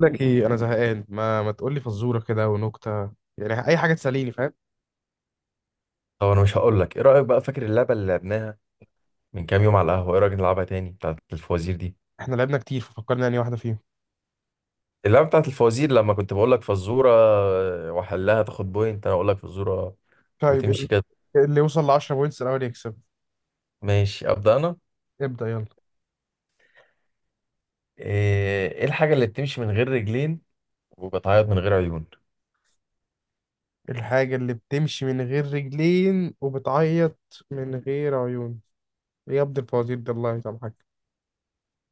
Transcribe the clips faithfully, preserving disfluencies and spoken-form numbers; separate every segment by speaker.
Speaker 1: لك ايه، انا زهقان. ما ما تقول لي فزوره كده ونكته، يعني اي حاجه تسليني. فاهم؟
Speaker 2: طب انا مش هقول لك، ايه رايك بقى؟ فاكر اللعبه اللي لعبناها من كام يوم على القهوه؟ ايه رايك نلعبها تاني، بتاعه الفوازير دي؟
Speaker 1: احنا لعبنا كتير ففكرنا يعني واحده فيهم.
Speaker 2: اللعبه بتاعه الفوازير، لما كنت بقول لك فزوره واحلها تاخد بوينت، انا اقول لك فزوره
Speaker 1: طيب
Speaker 2: وتمشي
Speaker 1: ال-
Speaker 2: كده.
Speaker 1: اللي يوصل ل عشرة بوينتس الاول يكسب.
Speaker 2: ماشي، ابدا انا.
Speaker 1: ابدا يلا.
Speaker 2: ايه إيه الحاجه اللي بتمشي من غير رجلين وبتعيط من غير عيون؟
Speaker 1: الحاجه اللي بتمشي من غير رجلين وبتعيط من غير عيون؟ إيه يا ابن الفوازير ده، الله يسامحك.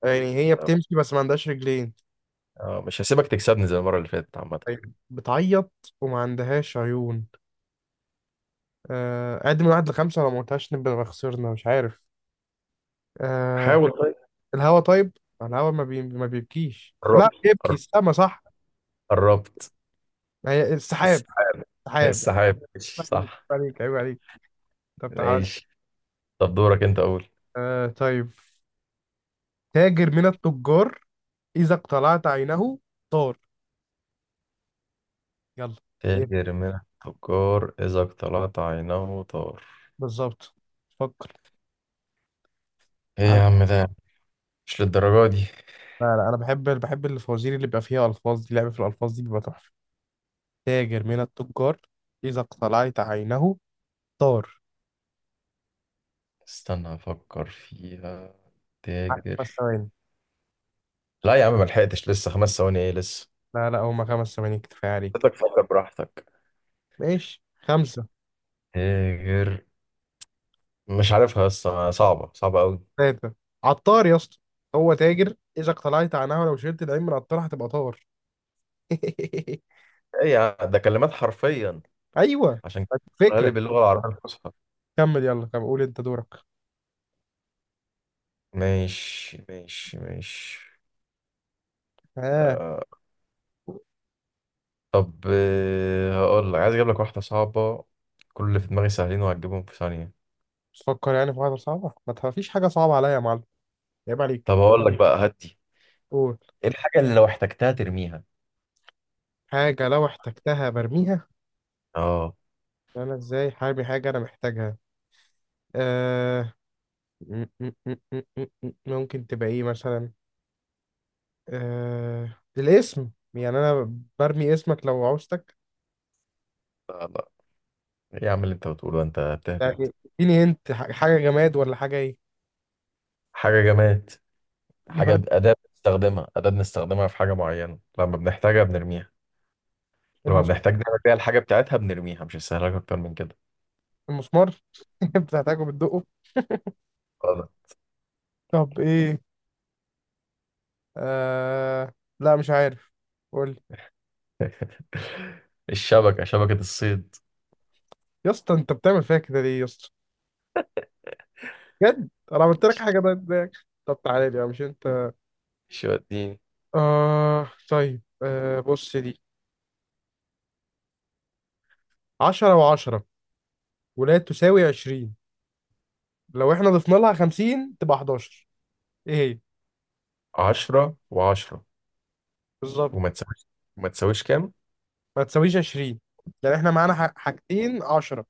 Speaker 1: يعني هي بتمشي بس ما عندهاش رجلين؟
Speaker 2: اه، مش هسيبك تكسبني زي المره اللي فاتت عامه.
Speaker 1: طيب بتعيط وما عندهاش عيون. آه، اعد من واحد لخمسة لو ما قلتهاش نبقى خسرنا. مش عارف. آه،
Speaker 2: حاول طيب.
Speaker 1: الهوا. طيب الهوا ما بي... ما بيبكيش، لا
Speaker 2: قربت.
Speaker 1: يبكي
Speaker 2: قر-
Speaker 1: السما، صح؟
Speaker 2: قربت.
Speaker 1: ما هي السحاب.
Speaker 2: السحاب.
Speaker 1: السحاب؟ عيب
Speaker 2: السحاب ماشي
Speaker 1: عليك،
Speaker 2: صح.
Speaker 1: عيب عليك، عيب عليك. طب تعال.
Speaker 2: ماشي. طب، دورك انت اول.
Speaker 1: آه طيب. تاجر من التجار، إذا اقتلعت عينه طار. يلا. ايه.
Speaker 2: تاجر من التجار إذا اقتلعت عينه طار؟
Speaker 1: بالظبط. فكر.
Speaker 2: إيه
Speaker 1: على.
Speaker 2: يا عم ده؟ مش للدرجة دي.
Speaker 1: لا لا، انا بحب بحب الفوازير اللي بيبقى فيها الفاظ، دي لعبة في الالفاظ دي، بيبقى تحفة. تاجر من التجار، إذا اقتلعت عينه طار.
Speaker 2: استنى أفكر فيها.
Speaker 1: على
Speaker 2: تاجر.
Speaker 1: خمس ثواني.
Speaker 2: لا يا عم، ملحقتش لسه، خمس ثواني إيه لسه؟
Speaker 1: لا لا، هما خمس ثواني كفاية عليك.
Speaker 2: حضرتك فكر براحتك.
Speaker 1: ماشي، خمسة.
Speaker 2: تاجر. مش عارفها لسه، صعبة صعبة أوي.
Speaker 1: ثلاثة. عطار يا اسطى. هو تاجر، إذا اقتلعت عنها، ولو شلت العين من عطار هتبقى طار.
Speaker 2: إيه يا عم ده، كلمات حرفيا،
Speaker 1: أيوه.
Speaker 2: عشان كده
Speaker 1: طيب،
Speaker 2: بقولها لي
Speaker 1: فكرة.
Speaker 2: باللغة العربية الفصحى.
Speaker 1: كمل يلا كمل، قول أنت دورك.
Speaker 2: ماشي ماشي ماشي.
Speaker 1: آه.
Speaker 2: آه. طب، آه، هقول لك، عايز أجيب لك واحدة صعبة. كل اللي في دماغي سهلين، وهتجيبهم في ثانية.
Speaker 1: تفكر يعني في واحدة صعبة، ما تفيش حاجة صعبة عليا يا معلم، عيب عليك.
Speaker 2: طب اقول لك بقى هدي.
Speaker 1: قول.
Speaker 2: ايه الحاجه اللي لو احتجتها ترميها؟
Speaker 1: حاجة لو احتجتها برميها؟
Speaker 2: اه.
Speaker 1: أنا إزاي حامي حاجة أنا محتاجها؟ آه. م- م- م- م- م- م- ممكن تبقى إيه مثلا؟ آه الاسم، يعني أنا برمي اسمك لو عوزتك؟
Speaker 2: لا لا، ايه يا عم اللي انت بتقوله ده؟ انت بتهبد.
Speaker 1: يعني اديني انت حاجة جماد ولا حاجة ايه؟
Speaker 2: حاجة جماد.
Speaker 1: جماعة.
Speaker 2: حاجه، أداة بنستخدمها، أداة بنستخدمها في حاجة معينة لما بنحتاجها بنرميها. لما
Speaker 1: المس...
Speaker 2: بنحتاج نعمل بيها الحاجة بتاعتها بنرميها، مش هسهلك أكتر من كده.
Speaker 1: المسمار. بتحتاجه بتدقه.
Speaker 2: غلط.
Speaker 1: طب ايه؟ آه... لا مش عارف، قول لي.
Speaker 2: الشبكة، شبكة الصيد.
Speaker 1: يا اسطى انت بتعمل فيا كده ليه يا اسطى؟ بجد انا عملت لك حاجه؟ ده ازاي؟ طب تعالى لي بقى، مش انت.
Speaker 2: شو اديني.
Speaker 1: آه... طيب آه... بص دي. عشرة و10 ولا تساوي عشرين، لو احنا ضفنا لها خمسين تبقى حداشر. ايه هي؟
Speaker 2: عشرة وعشرة.
Speaker 1: بالظبط.
Speaker 2: وما تساويش وما تساويش كام؟
Speaker 1: ما تساويش عشرين. يعني احنا معانا ح- حاجتين عشرة،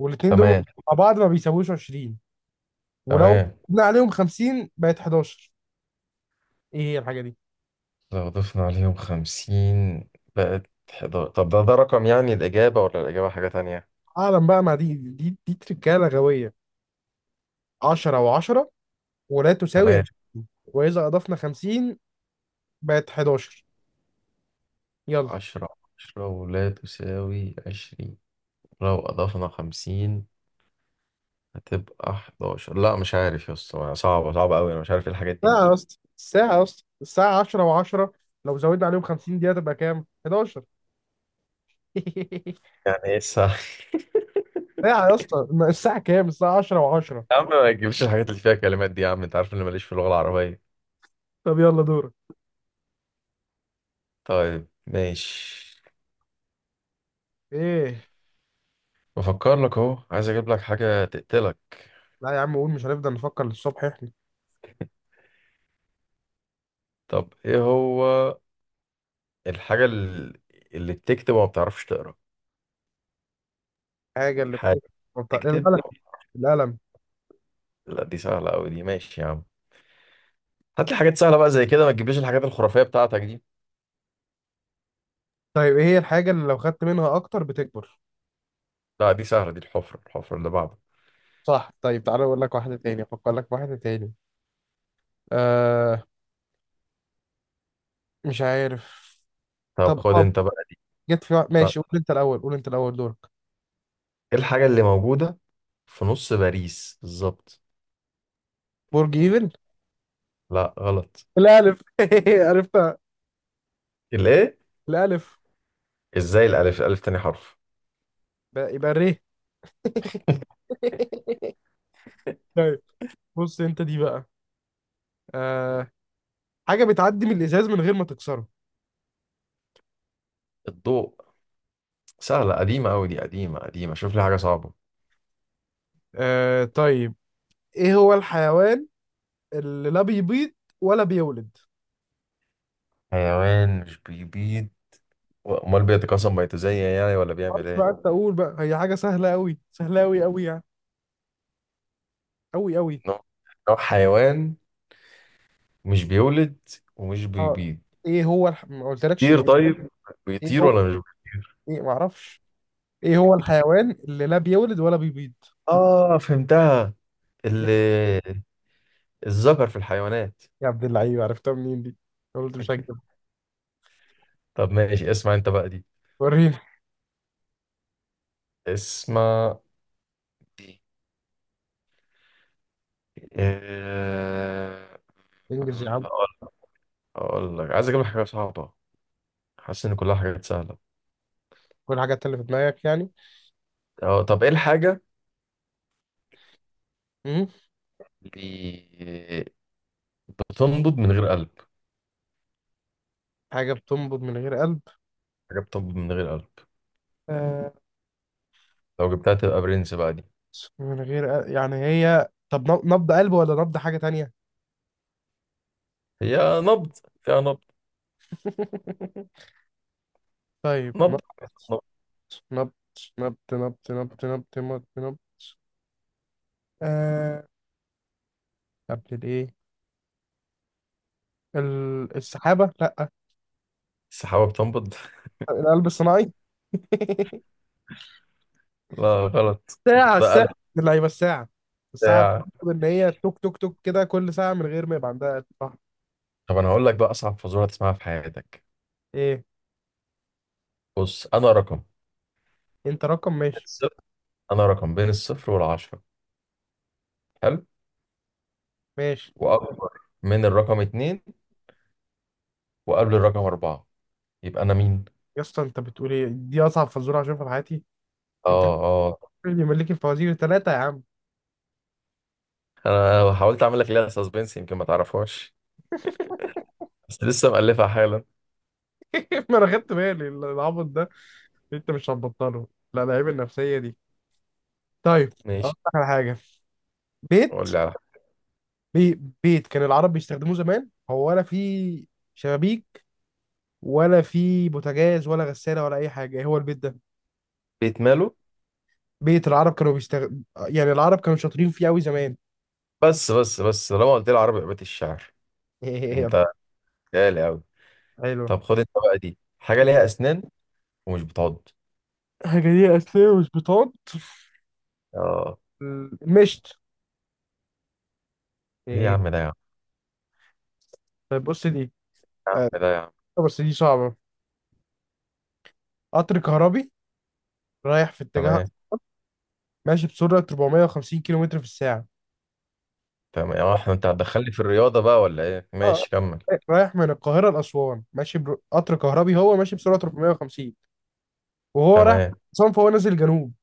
Speaker 1: والاتنين دول مع
Speaker 2: تمام.
Speaker 1: بعض ما بيساويوش عشرين، ولو
Speaker 2: تمام.
Speaker 1: زدنا عليهم خمسين بقت حداشر. ايه هي الحاجه دي؟
Speaker 2: لو ضفنا عليهم خمسين بقت حداشر. طب ده ده رقم يعني الإجابة، ولا الإجابة حاجة تانية؟
Speaker 1: اعلم بقى مع دي دي دي تركاله غبيه. عشرة و10 ولا تساوي
Speaker 2: تمام.
Speaker 1: عشرين، واذا اضفنا خمسين بقت حداشر. يلا.
Speaker 2: عشرة عشرة ولا تساوي عشرين، لو أضفنا خمسين هتبقى حداشر. لا، مش عارف يا اسطى، صعبة صعبة أوي، أنا مش عارف إيه الحاجات دي.
Speaker 1: ساعه يا اسطى، الساعه يا اسطى، الساعه عشرة و10 لو زودنا عليهم خمسين دقيقه تبقى كام؟ أحد عشر.
Speaker 2: يعني إيه الساعة؟
Speaker 1: ساعه يا اسطى، ما الساعه كام؟ الساعه عشرة و10.
Speaker 2: يا عم، ما تجيبش الحاجات اللي فيها كلمات دي، يا عم أنت عارف إني ماليش في اللغة العربية.
Speaker 1: طب يلا دورك.
Speaker 2: طيب ماشي.
Speaker 1: ايه.
Speaker 2: بفكر لك أهو، عايز أجيب لك حاجة تقتلك.
Speaker 1: لا يا عم قول، مش هنفضل نفكر للصبح احنا.
Speaker 2: طب إيه هو الحاجة اللي اللي بتكتب وما بتعرفش تقرأ؟
Speaker 1: الحاجه اللي بتكبر.
Speaker 2: تكتب.
Speaker 1: القلم. القلم.
Speaker 2: لا، دي سهلة أوي، دي ماشي يا عم. هات لي حاجات سهلة بقى زي كده، ما تجيبليش الحاجات الخرافية بتاعتك دي.
Speaker 1: طيب ايه هي الحاجه اللي لو خدت منها اكتر بتكبر؟
Speaker 2: لا، دي سهلة، دي الحفرة، الحفرة اللي بعده.
Speaker 1: صح. طيب تعالى اقول لك واحده تاني، افكر لك في واحده تاني. آه. مش عارف.
Speaker 2: طب
Speaker 1: طب
Speaker 2: خد
Speaker 1: اه.
Speaker 2: أنت بقى.
Speaker 1: جت في وقت-
Speaker 2: طب،
Speaker 1: ماشي قول انت الاول، قول انت الاول دورك.
Speaker 2: إيه الحاجة اللي موجودة في نص باريس بالظبط؟
Speaker 1: برج ايفل.
Speaker 2: لا غلط.
Speaker 1: الالف. عرفتها
Speaker 2: الإيه؟
Speaker 1: الالف.
Speaker 2: إزاي؟ الألف الألف تاني حرف.
Speaker 1: بقى- يبقى الري. طيب بص انت دي بقى. آه. حاجه بتعدي من الازاز من غير ما تكسره.
Speaker 2: الضوء. سهلة، قديمة أوي دي، قديمة قديمة، شوف لي حاجة صعبة.
Speaker 1: آه طيب، ايه هو الحيوان اللي لا بيبيض ولا بيولد؟
Speaker 2: حيوان مش بيبيض، أمال بيتكاثر ما يتزين يعني ولا بيعمل
Speaker 1: خلاص
Speaker 2: إيه؟
Speaker 1: بقى انت قول بقى، هي حاجه سهله قوي، سهله قوي قوي يعني، قوي قوي.
Speaker 2: نوع نوع حيوان مش بيولد ومش
Speaker 1: اه.
Speaker 2: بيبيض.
Speaker 1: ايه هو الح... ما قلتلكش
Speaker 2: طير
Speaker 1: نو.
Speaker 2: طيب،
Speaker 1: ايه
Speaker 2: بيطير
Speaker 1: هو؟
Speaker 2: ولا مش؟
Speaker 1: ايه ما اعرفش. ايه هو الحيوان اللي لا بيولد ولا بيبيض؟
Speaker 2: اه فهمتها. ال- الذكر في الحيوانات.
Speaker 1: يا عبد اللعيب عرفتها منين دي؟ قلت مش هكدب.
Speaker 2: طب ماشي، اسمع انت بقى دي.
Speaker 1: وريني.
Speaker 2: اسمع. إيه؟ آه،
Speaker 1: انجز يا عم.
Speaker 2: هقول هقول لك، عايز اجيب لك حاجه صعبه، حاسس ان كلها حاجات سهله.
Speaker 1: كل حاجة اللي في دماغك يعني.
Speaker 2: اه طب، ايه الحاجه
Speaker 1: امم
Speaker 2: اللي بتنبض من غير قلب؟
Speaker 1: حاجة بتنبض من غير قلب.
Speaker 2: حاجه بتنبض من غير قلب،
Speaker 1: آه.
Speaker 2: لو جبتها تبقى برنس بقى دي.
Speaker 1: من غير قلب. يعني هي طب نب- نبض قلب ولا نبض حاجة تانية؟
Speaker 2: هي نبض، فيها نبض.
Speaker 1: طيب نبض.
Speaker 2: نبض. نبض.
Speaker 1: نبض نبض نبض نبض نبض نبض نبض آه. قبل الايه. ال- السحابة؟ لا.
Speaker 2: السحابه بتنبض.
Speaker 1: القلب الصناعي.
Speaker 2: لا غلط.
Speaker 1: ساعة،
Speaker 2: ده قلب
Speaker 1: الساعة اللعيبة، الساعة. الساعة
Speaker 2: بتاع.
Speaker 1: بتطلب إن هي توك توك توك كده كل ساعة من غير ما يبقى عندها قتل. صح.
Speaker 2: طب انا هقول لك بقى اصعب فزوره تسمعها في حياتك.
Speaker 1: إيه.
Speaker 2: بص، انا رقم
Speaker 1: أنت رقم،
Speaker 2: بين
Speaker 1: ماشي.
Speaker 2: الصفر انا رقم بين الصفر والعشرة. حلو.
Speaker 1: ماشي.
Speaker 2: واكبر من الرقم اتنين، وقبل الرقم اربعة، يبقى انا مين؟
Speaker 1: يا اسطى أنت بتقول إيه؟ دي أصعب فزورة هشوفها في حياتي؟ أنت
Speaker 2: اه اه،
Speaker 1: اللي ملك الفوازير ثلاثة يا عم.
Speaker 2: انا حاولت اعمل لك ليها سسبنس يمكن ما تعرفهاش، بس لسه مألفها حالا.
Speaker 1: ما أنا خدت بالي العبط ده، أنت مش هتبطله، لا العيب النفسية دي. طيب أقول
Speaker 2: ماشي.
Speaker 1: لك على حاجة. بيت.
Speaker 2: قول لي على حاجة.
Speaker 1: بي بيت كان العرب بيستخدموه زمان، هو ولا فيه شبابيك ولا فيه بوتاجاز ولا غسالة ولا أي حاجة. إيه هو البيت ده؟
Speaker 2: بيت ماله.
Speaker 1: بيت العرب كانوا بيستغ... يعني العرب كانوا شاطرين فيه قوي زمان.
Speaker 2: بس بس بس، لما قلت لي عربي، بيت الشعر. انت غالي قوي.
Speaker 1: حلو.
Speaker 2: طب خد انت بقى، دي حاجة ليها اسنان ومش بتعض.
Speaker 1: حاجة دي أساسية وسبيطات.
Speaker 2: اه.
Speaker 1: مشت.
Speaker 2: ايه يا
Speaker 1: إيه.
Speaker 2: عم ده يا عم.
Speaker 1: طيب بص دي.
Speaker 2: إيه يا عم
Speaker 1: آه،
Speaker 2: ده يا عم.
Speaker 1: بس دي صعبة. قطر كهربي رايح في اتجاه،
Speaker 2: تمام.
Speaker 1: ماشي بسرعة أربعمائة وخمسين كيلومتر في الساعة.
Speaker 2: تمام. اه احنا، انت هتدخلني في الرياضة بقى ولا ايه؟
Speaker 1: آه،
Speaker 2: ماشي كمل.
Speaker 1: رايح من القاهرة لأسوان ماشي بر... قطر كهربي هو ماشي بسرعة أربعمائة وخمسين، وهو رايح
Speaker 2: تمام.
Speaker 1: أسوان فهو نازل جنوب.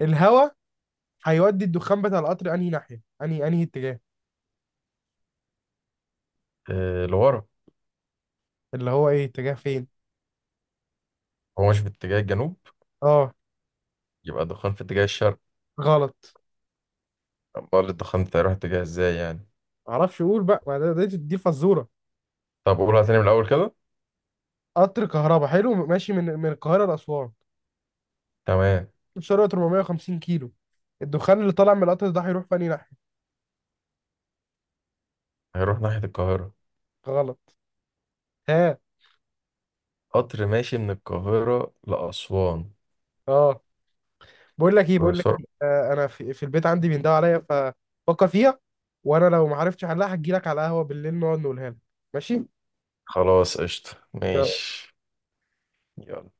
Speaker 1: الهوا هيودي الدخان بتاع القطر أنهي ناحية؟ أنهي أنهي اتجاه،
Speaker 2: آه، لورا.
Speaker 1: اللي هو إيه، اتجاه فين؟
Speaker 2: هو ماشي في اتجاه الجنوب،
Speaker 1: اه.
Speaker 2: يبقى الدخان في اتجاه الشرق.
Speaker 1: غلط.
Speaker 2: امال الدخان ده هيروح اتجاه ازاي يعني؟
Speaker 1: معرفش اقول بقى، ما ده- ده- دي فزوره.
Speaker 2: طب قولها تاني من الاول كده.
Speaker 1: قطر كهربا حلو ماشي من من القاهره لاسوان،
Speaker 2: تمام.
Speaker 1: سرعه أربعمية وخمسين كيلو. الدخان اللي طالع من القطر ده هيروح في انهي ناحيه؟
Speaker 2: هيروح ناحية القاهرة.
Speaker 1: غلط. ها.
Speaker 2: قطر ماشي من القاهرة لأسوان
Speaker 1: اه. بقول لك ايه بقول لك
Speaker 2: بسرعة.
Speaker 1: إيه. آه انا في, في البيت عندي بيندهوا عليا ففكر فيها، وانا لو ما عرفتش احلها هجي لك على القهوه بالليل نقعد نقولها لك. ماشي.
Speaker 2: خلاص، قشطة، ماشي. يلا.